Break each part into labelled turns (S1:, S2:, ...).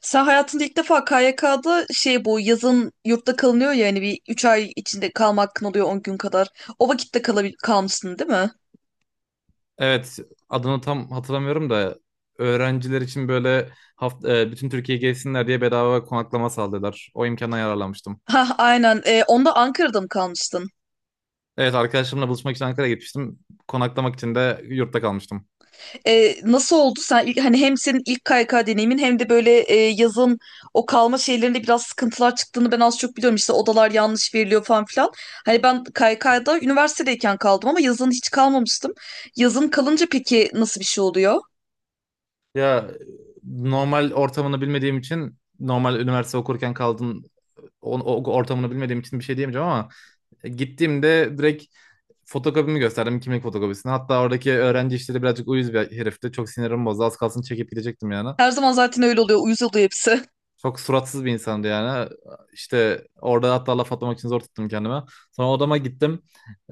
S1: Sen hayatında ilk defa KYK'da bu yazın yurtta kalınıyor ya hani bir 3 ay içinde kalma hakkın oluyor 10 gün kadar. O vakitte kalmışsın değil mi?
S2: Evet, adını tam hatırlamıyorum da öğrenciler için böyle bütün Türkiye gezsinler diye bedava konaklama sağladılar. O imkandan yararlanmıştım.
S1: Ha aynen. Onda Ankara'da mı kalmıştın?
S2: Evet, arkadaşlarımla buluşmak için Ankara'ya gitmiştim. Konaklamak için de yurtta kalmıştım.
S1: Nasıl oldu sen hani hem senin ilk KYK deneyimin hem de böyle yazın o kalma şeylerinde biraz sıkıntılar çıktığını ben az çok biliyorum. İşte odalar yanlış veriliyor falan filan. Hani ben KYK'da üniversitedeyken kaldım ama yazın hiç kalmamıştım. Yazın kalınca peki nasıl bir şey oluyor?
S2: Ya, normal ortamını bilmediğim için normal üniversite okurken kaldığın o ortamını bilmediğim için bir şey diyemeyeceğim ama gittiğimde direkt fotokopimi gösterdim, kimlik fotokopisini. Hatta oradaki öğrenci işleri birazcık uyuz bir herifti. Çok sinirim bozdu. Az kalsın çekip gidecektim yani.
S1: Her zaman zaten öyle oluyor. Uyuz oluyor hepsi.
S2: Çok suratsız bir insandı yani. İşte orada hatta laf atmak için zor tuttum kendime. Sonra odama gittim.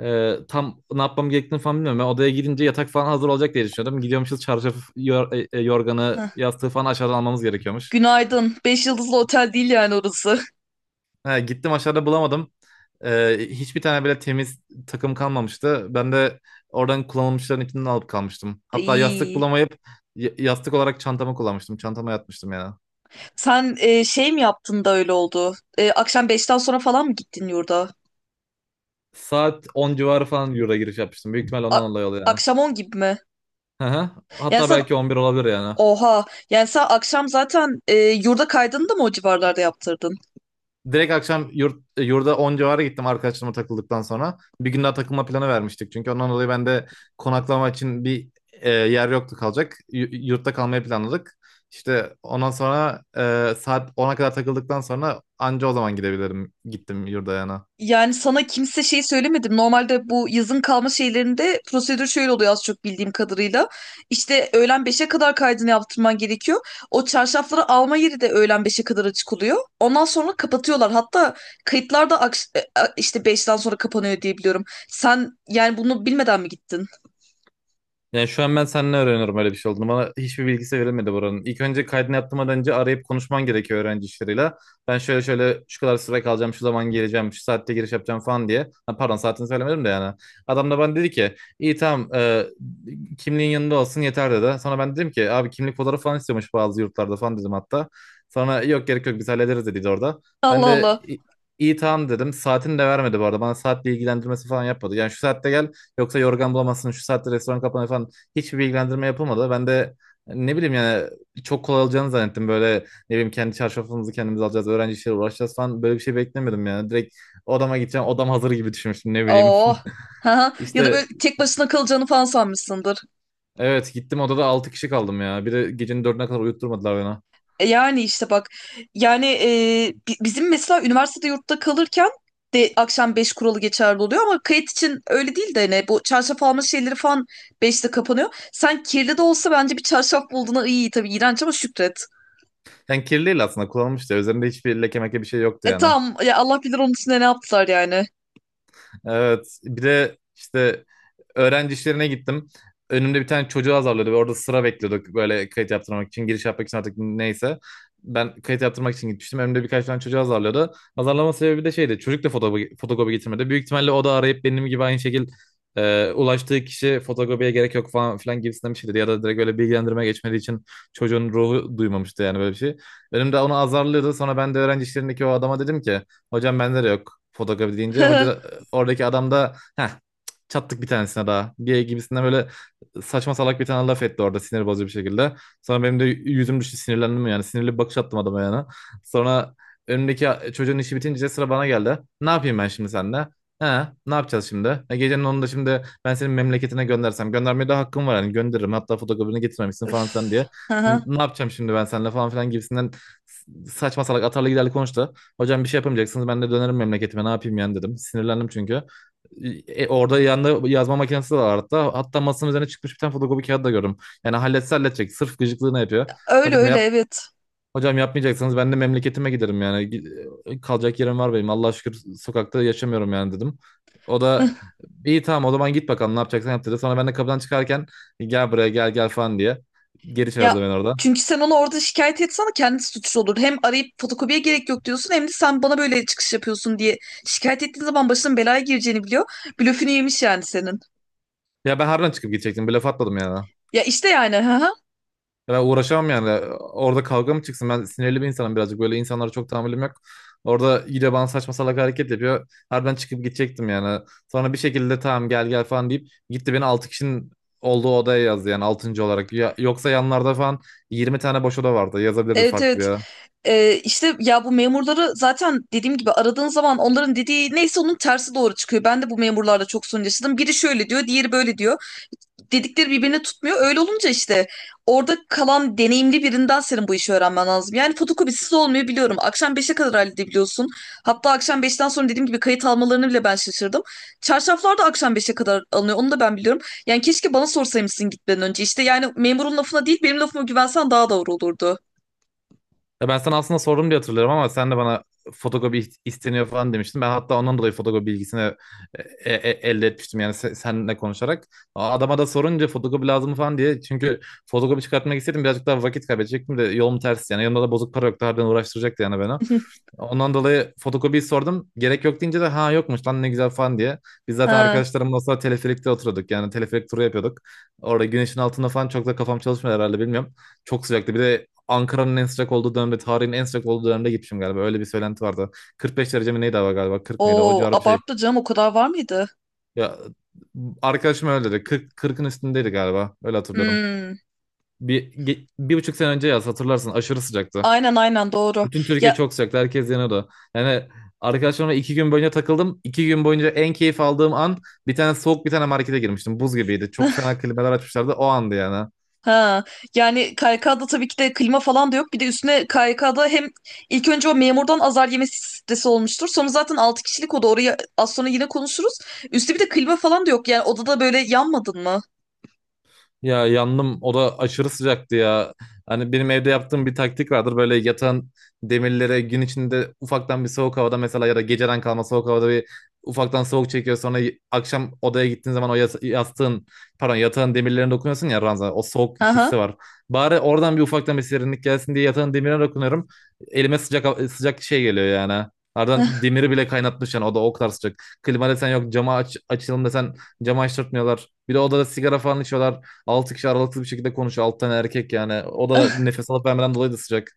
S2: Tam ne yapmam gerektiğini falan bilmiyorum. Ben odaya gidince yatak falan hazır olacak diye düşünüyordum. Gidiyormuşuz çarşafı, yorganı,
S1: Heh.
S2: yastığı falan aşağıdan almamız gerekiyormuş.
S1: Günaydın. Beş yıldızlı otel değil yani orası.
S2: He, gittim aşağıda bulamadım. Hiçbir tane bile temiz takım kalmamıştı. Ben de oradan kullanılmışların içinden alıp kalmıştım. Hatta yastık
S1: İyi.
S2: bulamayıp yastık olarak çantamı kullanmıştım. Çantama yatmıştım yani.
S1: Sen mi yaptın da öyle oldu? Akşam beşten sonra falan mı gittin yurda?
S2: Saat 10 civarı falan Euro'ya giriş yapmıştım. Büyük ihtimal ondan
S1: A-
S2: dolayı oluyor yani.
S1: Akşam on gibi mi?
S2: Hı hı.
S1: Yani
S2: Hatta
S1: sen
S2: belki 11 olabilir yani.
S1: oha. Yani sen akşam zaten yurda kaydını da mı o civarlarda yaptırdın?
S2: Direkt akşam yurda 10 civarı gittim arkadaşlarıma takıldıktan sonra. Bir gün daha takılma planı vermiştik çünkü, ondan dolayı ben de konaklama için bir yer yoktu kalacak. Yurtta kalmayı planladık. İşte ondan sonra saat 10'a kadar takıldıktan sonra anca o zaman gidebilirim. Gittim yurda yani.
S1: Yani sana kimse söylemedim. Normalde bu yazın kalma şeylerinde prosedür şöyle oluyor az çok bildiğim kadarıyla. İşte öğlen beşe kadar kaydını yaptırman gerekiyor. O çarşafları alma yeri de öğlen beşe kadar açık oluyor. Ondan sonra kapatıyorlar. Hatta kayıtlar da işte beşten sonra kapanıyor diye biliyorum. Sen yani bunu bilmeden mi gittin?
S2: Yani şu an ben seninle öğreniyorum öyle bir şey olduğunu. Bana hiçbir bilgisi verilmedi buranın. İlk önce kaydını yaptırmadan önce arayıp konuşman gerekiyor öğrenci işleriyle. Ben şöyle şöyle şu kadar süre kalacağım, şu zaman geleceğim, şu saatte giriş yapacağım falan diye. Ha, pardon, saatini söylemedim de yani. Adam da bana dedi ki iyi tamam, kimliğin yanında olsun yeter dedi. Sonra ben dedim ki abi, kimlik fotoğrafı falan istiyormuş bazı yurtlarda falan dedim hatta. Sonra yok gerek yok biz hallederiz dedi orada. Ben
S1: Allah
S2: de
S1: Allah.
S2: "İ- iyi tamam dedim. Saatini de vermedi bu arada. Bana saatle ilgilendirmesi falan yapmadı. Yani şu saatte gel. Yoksa yorgan bulamazsın, şu saatte restoran kapanıyor falan. Hiçbir bilgilendirme yapılmadı. Ben de ne bileyim yani, çok kolay olacağını zannettim. Böyle ne bileyim, kendi çarşafımızı kendimiz alacağız, öğrenci işleriyle uğraşacağız falan, böyle bir şey beklemedim yani. Direkt odama gideceğim, odam hazır gibi düşünmüştüm, ne bileyim.
S1: Oh. Ha. Ya da
S2: İşte
S1: böyle tek başına kalacağını falan sanmışsındır.
S2: evet, gittim, odada altı kişi kaldım ya. Bir de gecenin dördüne kadar uyutturmadılar beni.
S1: Yani işte bak yani bizim mesela üniversitede yurtta kalırken de akşam 5 kuralı geçerli oluyor ama kayıt için öyle değil de ne bu çarşaf alma şeyleri falan beşte kapanıyor. Sen kirli de olsa bence bir çarşaf bulduğuna iyi, tabii iğrenç ama şükret.
S2: Yani kirliydi, aslında kullanılmıştı. Üzerinde hiçbir leke meke bir şey yoktu
S1: E
S2: yani.
S1: tamam ya, Allah bilir onun üstüne ne yaptılar yani.
S2: Evet. Bir de işte öğrenci işlerine gittim. Önümde bir tane çocuğu azarlıyordu ve orada sıra bekliyorduk, böyle kayıt yaptırmak için, giriş yapmak için artık, neyse. Ben kayıt yaptırmak için gitmiştim. Önümde birkaç tane çocuğu azarlıyordu. Azarlama sebebi de şeydi. Çocuk da fotokopi, fotokopi getirmedi. Büyük ihtimalle o da arayıp benim gibi aynı şekil ulaştığı kişi fotokopiye gerek yok falan filan gibisinden bir şey dedi. Ya da direkt öyle bilgilendirme geçmediği için çocuğun ruhu duymamıştı yani böyle bir şey. Önümde onu azarlıyordu. Sonra ben de öğrenci işlerindeki o adama dedim ki hocam bende de yok fotoğrafı deyince oradaki adam da heh, çattık bir tanesine daha, diye gibisinden böyle saçma salak bir tane laf etti orada, sinir bozucu bir şekilde. Sonra benim de yüzüm düştü, sinirlendim yani. Sinirli bir bakış attım adama yani. Sonra önümdeki çocuğun işi bitince sıra bana geldi. Ne yapayım ben şimdi seninle? He, ne yapacağız şimdi? Gecenin onunda şimdi ben senin memleketine göndersem göndermeye de hakkım var yani, gönderirim. Hatta fotoğrafını getirmemişsin falan filan
S1: Öf.
S2: diye.
S1: Hı hı.
S2: Ne yapacağım şimdi ben seninle falan filan gibisinden saçma salak atarlı giderli konuştu. Hocam bir şey yapamayacaksınız, ben de dönerim memleketime, ne yapayım yani dedim. Sinirlendim çünkü. Orada yanında yazma makinesi de var hatta. Hatta masanın üzerine çıkmış bir tane fotokopi kağıdı da gördüm. Yani halletse halledecek. Sırf gıcıklığını yapıyor.
S1: Öyle
S2: Hocam
S1: öyle
S2: yap
S1: evet.
S2: Hocam yapmayacaksanız ben de memleketime giderim yani. Kalacak yerim var benim. Allah'a şükür sokakta yaşamıyorum yani dedim. O da iyi tamam o zaman git bakalım ne yapacaksan yap dedi. Sonra ben de kapıdan çıkarken gel buraya gel gel falan diye geri
S1: Ya
S2: çağırdı beni orada.
S1: çünkü sen onu orada şikayet etsen kendisi suçlu olur. Hem arayıp fotokopiye gerek yok diyorsun hem de sen bana böyle çıkış yapıyorsun diye şikayet ettiğin zaman başının belaya gireceğini biliyor. Blöfünü yemiş yani senin.
S2: Ya ben harbiden çıkıp gidecektim. Bir laf atmadım yani.
S1: Ya işte yani ha ha.
S2: Ya, ben uğraşamam yani. Orada kavga mı çıksın? Ben sinirli bir insanım birazcık. Böyle insanlara çok tahammülüm yok. Orada yine bana saçma salak hareket yapıyor. Harbiden çıkıp gidecektim yani. Sonra bir şekilde tamam gel gel falan deyip gitti, beni 6 kişinin olduğu odaya yazdı yani, altıncı olarak. Yoksa yanlarda falan 20 tane boş oda vardı. Yazabilirdi
S1: Evet
S2: farklı bir
S1: evet.
S2: yere.
S1: İşte ya bu memurları zaten dediğim gibi aradığın zaman onların dediği neyse onun tersi doğru çıkıyor. Ben de bu memurlarla çok sorun yaşadım. Biri şöyle diyor, diğeri böyle diyor. Dedikleri birbirine tutmuyor. Öyle olunca işte orada kalan deneyimli birinden senin bu işi öğrenmen lazım. Yani fotokopisiz olmuyor biliyorum. Akşam beşe kadar halledebiliyorsun. Hatta akşam 5'ten sonra dediğim gibi kayıt almalarını bile ben şaşırdım. Çarşaflar da akşam beşe kadar alınıyor. Onu da ben biliyorum. Yani keşke bana sorsaymışsın gitmeden önce. İşte yani memurun lafına değil benim lafıma güvensen daha doğru olurdu.
S2: Ya ben sana aslında sordum diye hatırlıyorum ama sen de bana fotokopi isteniyor falan demiştin. Ben hatta ondan dolayı fotokopi bilgisini elde etmiştim yani seninle konuşarak. Adama da sorunca fotokopi lazım mı falan diye. Çünkü fotokopi çıkartmak istedim, birazcık daha vakit kaybedecektim de, yolum ters yani. Yanımda da bozuk para yoktu, harbiden uğraştıracaktı yani beni. Ondan dolayı fotokopiyi sordum. Gerek yok deyince de ha yokmuş lan ne güzel falan diye. Biz zaten
S1: Ha.
S2: arkadaşlarımla o sıra teleferikte oturuyorduk. Yani teleferik turu yapıyorduk. Orada güneşin altında falan çok da kafam çalışmıyor herhalde, bilmiyorum. Çok sıcaktı. Bir de Ankara'nın en sıcak olduğu dönemde, tarihin en sıcak olduğu dönemde gitmişim galiba. Öyle bir söylenti vardı. 45 derece mi neydi hava galiba? 40 mıydı? O
S1: Oo,
S2: civarı bir şey.
S1: abarttı canım, o kadar var mıydı?
S2: Ya, arkadaşım öyle dedi. 40, 40'ın üstündeydi galiba. Öyle hatırlıyorum.
S1: Hmm,
S2: Bir buçuk sene önce yaz hatırlarsın, aşırı sıcaktı.
S1: aynen aynen doğru.
S2: Bütün Türkiye
S1: Ya
S2: çok sıcaktı. Herkes yanıyordu. Yani arkadaşlarımla 2 gün boyunca takıldım. 2 gün boyunca en keyif aldığım an, bir tane soğuk bir tane markete girmiştim. Buz gibiydi. Çok fena klimalar açmışlardı. O andı yani.
S1: ha, yani KYK'da tabii ki de klima falan da yok. Bir de üstüne KYK'da hem ilk önce o memurdan azar yemesi stresi olmuştur. Sonra zaten 6 kişilik oda, orayı az sonra yine konuşuruz. Üstü bir de klima falan da yok. Yani odada böyle yanmadın mı?
S2: Ya yandım, o da aşırı sıcaktı ya. Hani benim evde yaptığım bir taktik vardır. Böyle yatan demirlere gün içinde ufaktan bir soğuk havada mesela, ya da geceden kalma soğuk havada bir ufaktan soğuk çekiyor. Sonra akşam odaya gittiğin zaman o yastığın pardon yatağın demirlerine dokunuyorsun ya, ranza. O soğuk hissi
S1: Aha.
S2: var. Bari oradan bir ufaktan bir serinlik gelsin diye yatağın demirine dokunuyorum. Elime sıcak şey geliyor yani. Ardından demiri bile kaynatmış yani, o da o kadar sıcak. Klima desen yok, cama açalım desen camı açtırtmıyorlar. Bir de odada sigara falan içiyorlar. 6 kişi aralıksız bir şekilde konuşuyor. 6 tane erkek yani. O da nefes alıp vermeden dolayı da sıcak.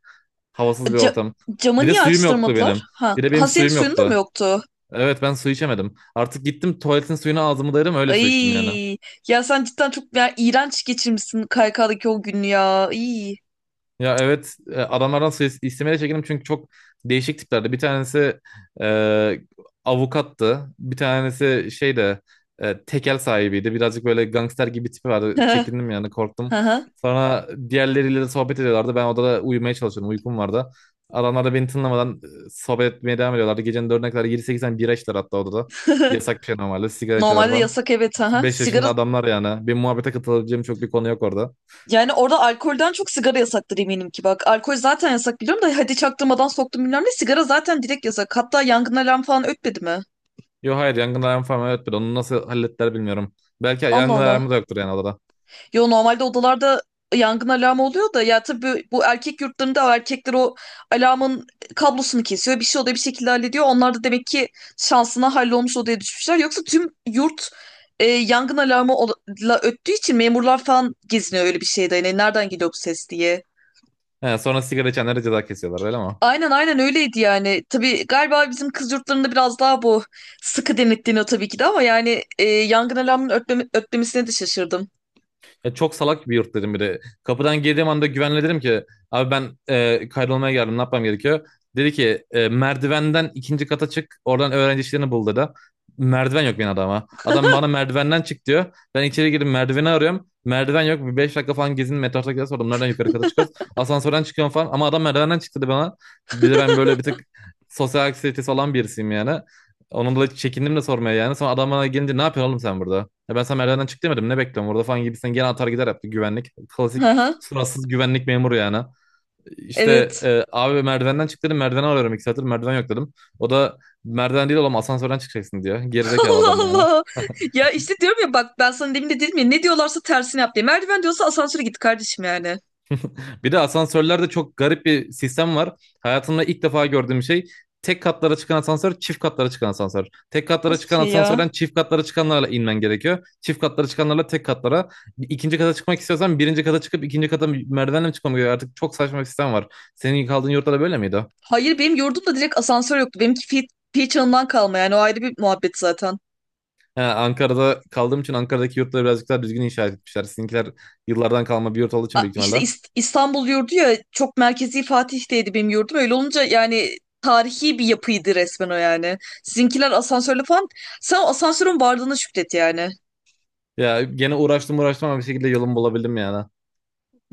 S2: Havasız bir
S1: Ca-
S2: ortam. Bir
S1: Camı
S2: de
S1: niye
S2: suyum yoktu
S1: açtırmadılar?
S2: benim.
S1: Ha,
S2: Bir de benim
S1: ha senin
S2: suyum
S1: suyun da mı
S2: yoktu.
S1: yoktu?
S2: Evet, ben su içemedim. Artık gittim tuvaletin suyunu, ağzımı dayadım öyle su içtim yani.
S1: Ay ya sen cidden çok ya, iğrenç geçirmişsin KYK'daki o günü ya. İyi.
S2: Ya evet, adamlardan istemeye çekindim çünkü çok değişik tiplerdi. Bir tanesi e, avukattı. Bir tanesi şey de tekel sahibiydi. Birazcık böyle gangster gibi tipi vardı. Çekindim yani, korktum. Sonra diğerleriyle de sohbet ediyorlardı. Ben odada uyumaya çalışıyordum. Uykum vardı. Adamlar da beni tınlamadan sohbet etmeye devam ediyorlardı. Gecenin dördüne kadar 7-8 tane bira içtiler hatta odada. Yasak bir şey normalde. Sigara içiyorlar
S1: Normalde
S2: falan.
S1: yasak evet ha.
S2: 5 yaşında
S1: Sigara
S2: adamlar yani. Bir muhabbete katılabileceğim çok bir konu yok orada.
S1: yani orada alkolden çok sigara yasaktır eminim ki bak. Alkol zaten yasak biliyorum da hadi çaktırmadan soktum bilmem ne. Sigara zaten direkt yasak. Hatta yangın alarm falan ötmedi mi?
S2: Yo hayır, yangın alarmı falan, evet, bir onu nasıl hallettiler bilmiyorum. Belki
S1: Allah
S2: yangın alarmı
S1: Allah.
S2: da yoktur yani odada.
S1: Yo normalde odalarda yangın alarmı oluyor da ya tabii bu erkek yurtlarında erkekler o alarmın kablosunu kesiyor. Bir şey oluyor, bir şekilde hallediyor. Onlar da demek ki şansına hallolmuş odaya düşmüşler. Yoksa tüm yurt yangın alarmı ola- la öttüğü için memurlar falan geziniyor öyle bir şeyde. Yani nereden geliyor bu ses diye.
S2: He, sonra sigara içenlere ceza kesiyorlar öyle mi?
S1: Aynen aynen öyleydi yani. Tabii galiba bizim kız yurtlarında biraz daha bu sıkı denetleniyor tabii ki de ama yani yangın alarmının ötlemesine de şaşırdım.
S2: Ya çok salak bir yurt dedim bir de. Kapıdan girdiğim anda güvenle dedim ki abi ben kaydolmaya geldim ne yapmam gerekiyor? Dedi ki merdivenden ikinci kata çık oradan öğrenci işlerini bul dedi. Merdiven yok benim adama. Adam bana merdivenden çık diyor. Ben içeri girdim, merdiveni arıyorum. Merdiven yok. Bir 5 dakika falan gezin metrosakilere sordum. Nereden yukarı kata çıkıyoruz? Asansörden çıkıyorum falan. Ama adam merdivenden çıktı dedi bana. Bir de ben böyle bir tık sosyal anksiyetesi olan birisiyim yani. Onun dolayı çekindim de sormaya yani. Sonra adam bana gelince ne yapıyorsun oğlum sen burada? Ya ben sana merdivenden çık demedim. Ne bekliyorum burada falan gibisinden gene atar gider yaptı güvenlik.
S1: Hı
S2: Klasik
S1: hı.
S2: suratsız güvenlik memuru yani. İşte
S1: Evet.
S2: abi merdivenden çık dedim, merdiveni arıyorum 2 saattir, merdiven yok dedim. O da merdiven değil oğlum asansörden çıkacaksın diyor. Gerizekalı
S1: Allah
S2: adam yani.
S1: Allah. Ya işte diyorum ya bak, ben sana demin de dedim ya ne diyorlarsa tersini yap diye. Merdiven diyorsa asansöre git kardeşim yani.
S2: Bir de asansörlerde çok garip bir sistem var. Hayatımda ilk defa gördüğüm şey, tek katlara çıkan asansör, çift katlara çıkan asansör. Tek katlara
S1: Nasıl bir
S2: çıkan
S1: şey ya?
S2: asansörden çift katlara çıkanlarla inmen gerekiyor. Çift katlara çıkanlarla tek katlara. İkinci kata çıkmak istiyorsan birinci kata çıkıp ikinci kata merdivenle mi çıkmam gerekiyor? Artık çok saçma bir sistem var. Senin kaldığın yurtta da böyle miydi?
S1: Hayır benim yurdumda direkt asansör yoktu. Benimki Fi çağından kalma yani, o ayrı bir muhabbet zaten.
S2: He, Ankara'da kaldığım için Ankara'daki yurtları birazcık daha düzgün inşa etmişler. Sizinkiler yıllardan kalma bir yurt olduğu için büyük
S1: İşte
S2: ihtimalle.
S1: İstanbul yurdu ya, çok merkezi Fatih'teydi benim yurdum. Öyle olunca yani tarihi bir yapıydı resmen o yani. Sizinkiler asansörle falan. Sen o asansörün varlığına şükret yani.
S2: Ya gene uğraştım uğraştım ama bir şekilde yolumu bulabildim yani.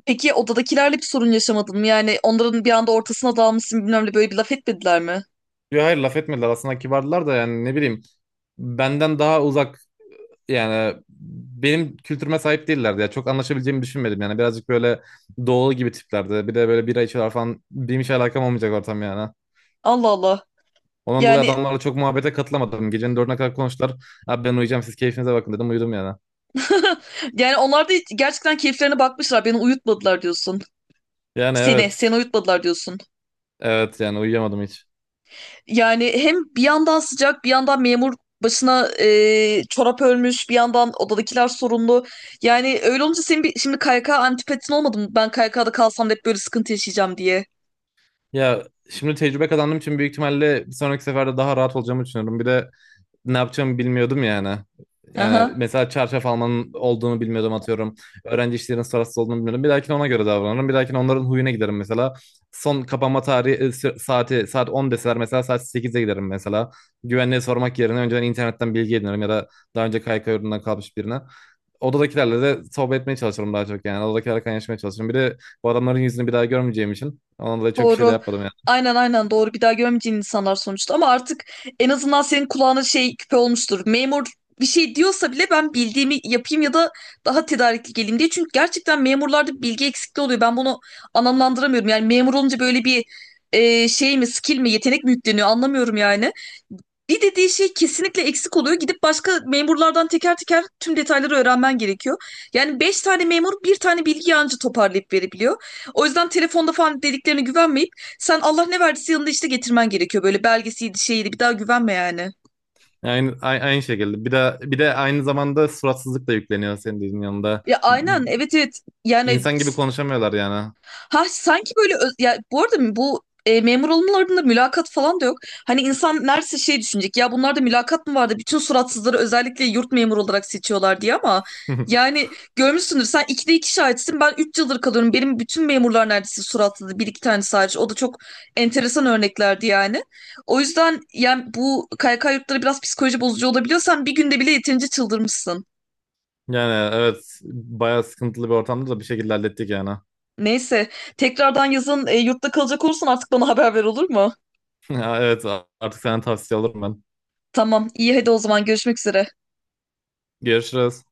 S1: Peki odadakilerle bir sorun yaşamadın mı? Yani onların bir anda ortasına dalmışsın bilmem ne, böyle bir laf etmediler mi?
S2: Yo hayır, laf etmediler, aslında kibardılar da yani, ne bileyim, benden daha uzak yani, benim kültürüme sahip değillerdi ya. Çok anlaşabileceğimi düşünmedim yani. Birazcık böyle doğulu gibi tiplerdi. Bir de böyle bira içiyorlar falan. Benim hiç alakam olmayacak ortam yani.
S1: Allah Allah.
S2: Ondan dolayı
S1: Yani
S2: adamlarla çok muhabbete katılamadım. Gecenin dördüne kadar konuştular. Abi ben uyuyacağım siz keyfinize bakın dedim, uyudum yani.
S1: yani onlar da gerçekten keyiflerine bakmışlar. Beni uyutmadılar diyorsun.
S2: Yani
S1: Seni,
S2: evet.
S1: seni uyutmadılar diyorsun.
S2: Evet yani, uyuyamadım hiç.
S1: Yani hem bir yandan sıcak, bir yandan memur başına çorap örmüş, bir yandan odadakiler sorunlu. Yani öyle olunca senin bir, şimdi KYK antipatin olmadı mı? Ben KYK'da kalsam da hep böyle sıkıntı yaşayacağım diye.
S2: Ya şimdi tecrübe kazandığım için büyük ihtimalle bir sonraki seferde daha rahat olacağımı düşünüyorum. Bir de ne yapacağımı bilmiyordum yani. Yani
S1: Aha.
S2: mesela çarşaf almanın olduğunu bilmiyordum, atıyorum. Öğrenci işlerinin sırasız olduğunu bilmiyordum. Bir dahakine ona göre davranırım. Bir dahakine onların huyuna giderim mesela. Son kapanma saati saat 10 deseler mesela saat 8'e giderim mesela. Güvenliğe sormak yerine önceden internetten bilgi edinirim, ya da daha önce KYK yurdundan kalmış birine. Odadakilerle de sohbet etmeye çalışırım daha çok yani. Odadakilerle kaynaşmaya çalışırım. Bir de bu adamların yüzünü bir daha görmeyeceğim için. Onunla da çok bir şey de
S1: Doğru.
S2: yapmadım.
S1: Aynen aynen doğru. Bir daha görmeyeceğin insanlar sonuçta. Ama artık en azından senin kulağına şey küpe olmuştur. Memur bir şey diyorsa bile ben bildiğimi yapayım ya da daha tedarikli geleyim diye. Çünkü gerçekten memurlarda bilgi eksikliği oluyor. Ben bunu anlamlandıramıyorum. Yani memur olunca böyle bir şey mi, skill mi, yetenek mi yükleniyor anlamıyorum yani. Bir dediği şey kesinlikle eksik oluyor. Gidip başka memurlardan teker teker tüm detayları öğrenmen gerekiyor. Yani 5 tane memur bir tane bilgi anca toparlayıp verebiliyor. O yüzden telefonda falan dediklerine güvenmeyip sen Allah ne verdiyse yanında işte getirmen gerekiyor. Böyle belgesiydi şeydi bir daha güvenme yani.
S2: Aynı şekilde. Bir de aynı zamanda suratsızlık da yükleniyor senin dediğin yanında.
S1: Ya aynen evet evet yani.
S2: İnsan gibi konuşamıyorlar yani.
S1: Ha sanki böyle ya bu arada bu memur olmalarında mülakat falan da yok. Hani insan neredeyse şey düşünecek ya, bunlarda mülakat mı vardı? Bütün suratsızları özellikle yurt memuru olarak seçiyorlar diye ama yani görmüşsündür sen, ikide iki şahitsin, ben 3 yıldır kalıyorum. Benim bütün memurlar neredeyse suratsızdı, bir iki tane sadece o da çok enteresan örneklerdi yani. O yüzden yani bu KYK yurtları biraz psikoloji bozucu olabiliyor. Sen bir günde bile yeterince çıldırmışsın.
S2: Yani evet, bayağı sıkıntılı bir ortamda da bir şekilde hallettik yani.
S1: Neyse, tekrardan yazın yurtta kalacak olursan artık bana haber ver, olur mu?
S2: Evet, artık senden tavsiye alırım ben.
S1: Tamam, iyi hadi o zaman, görüşmek üzere.
S2: Görüşürüz.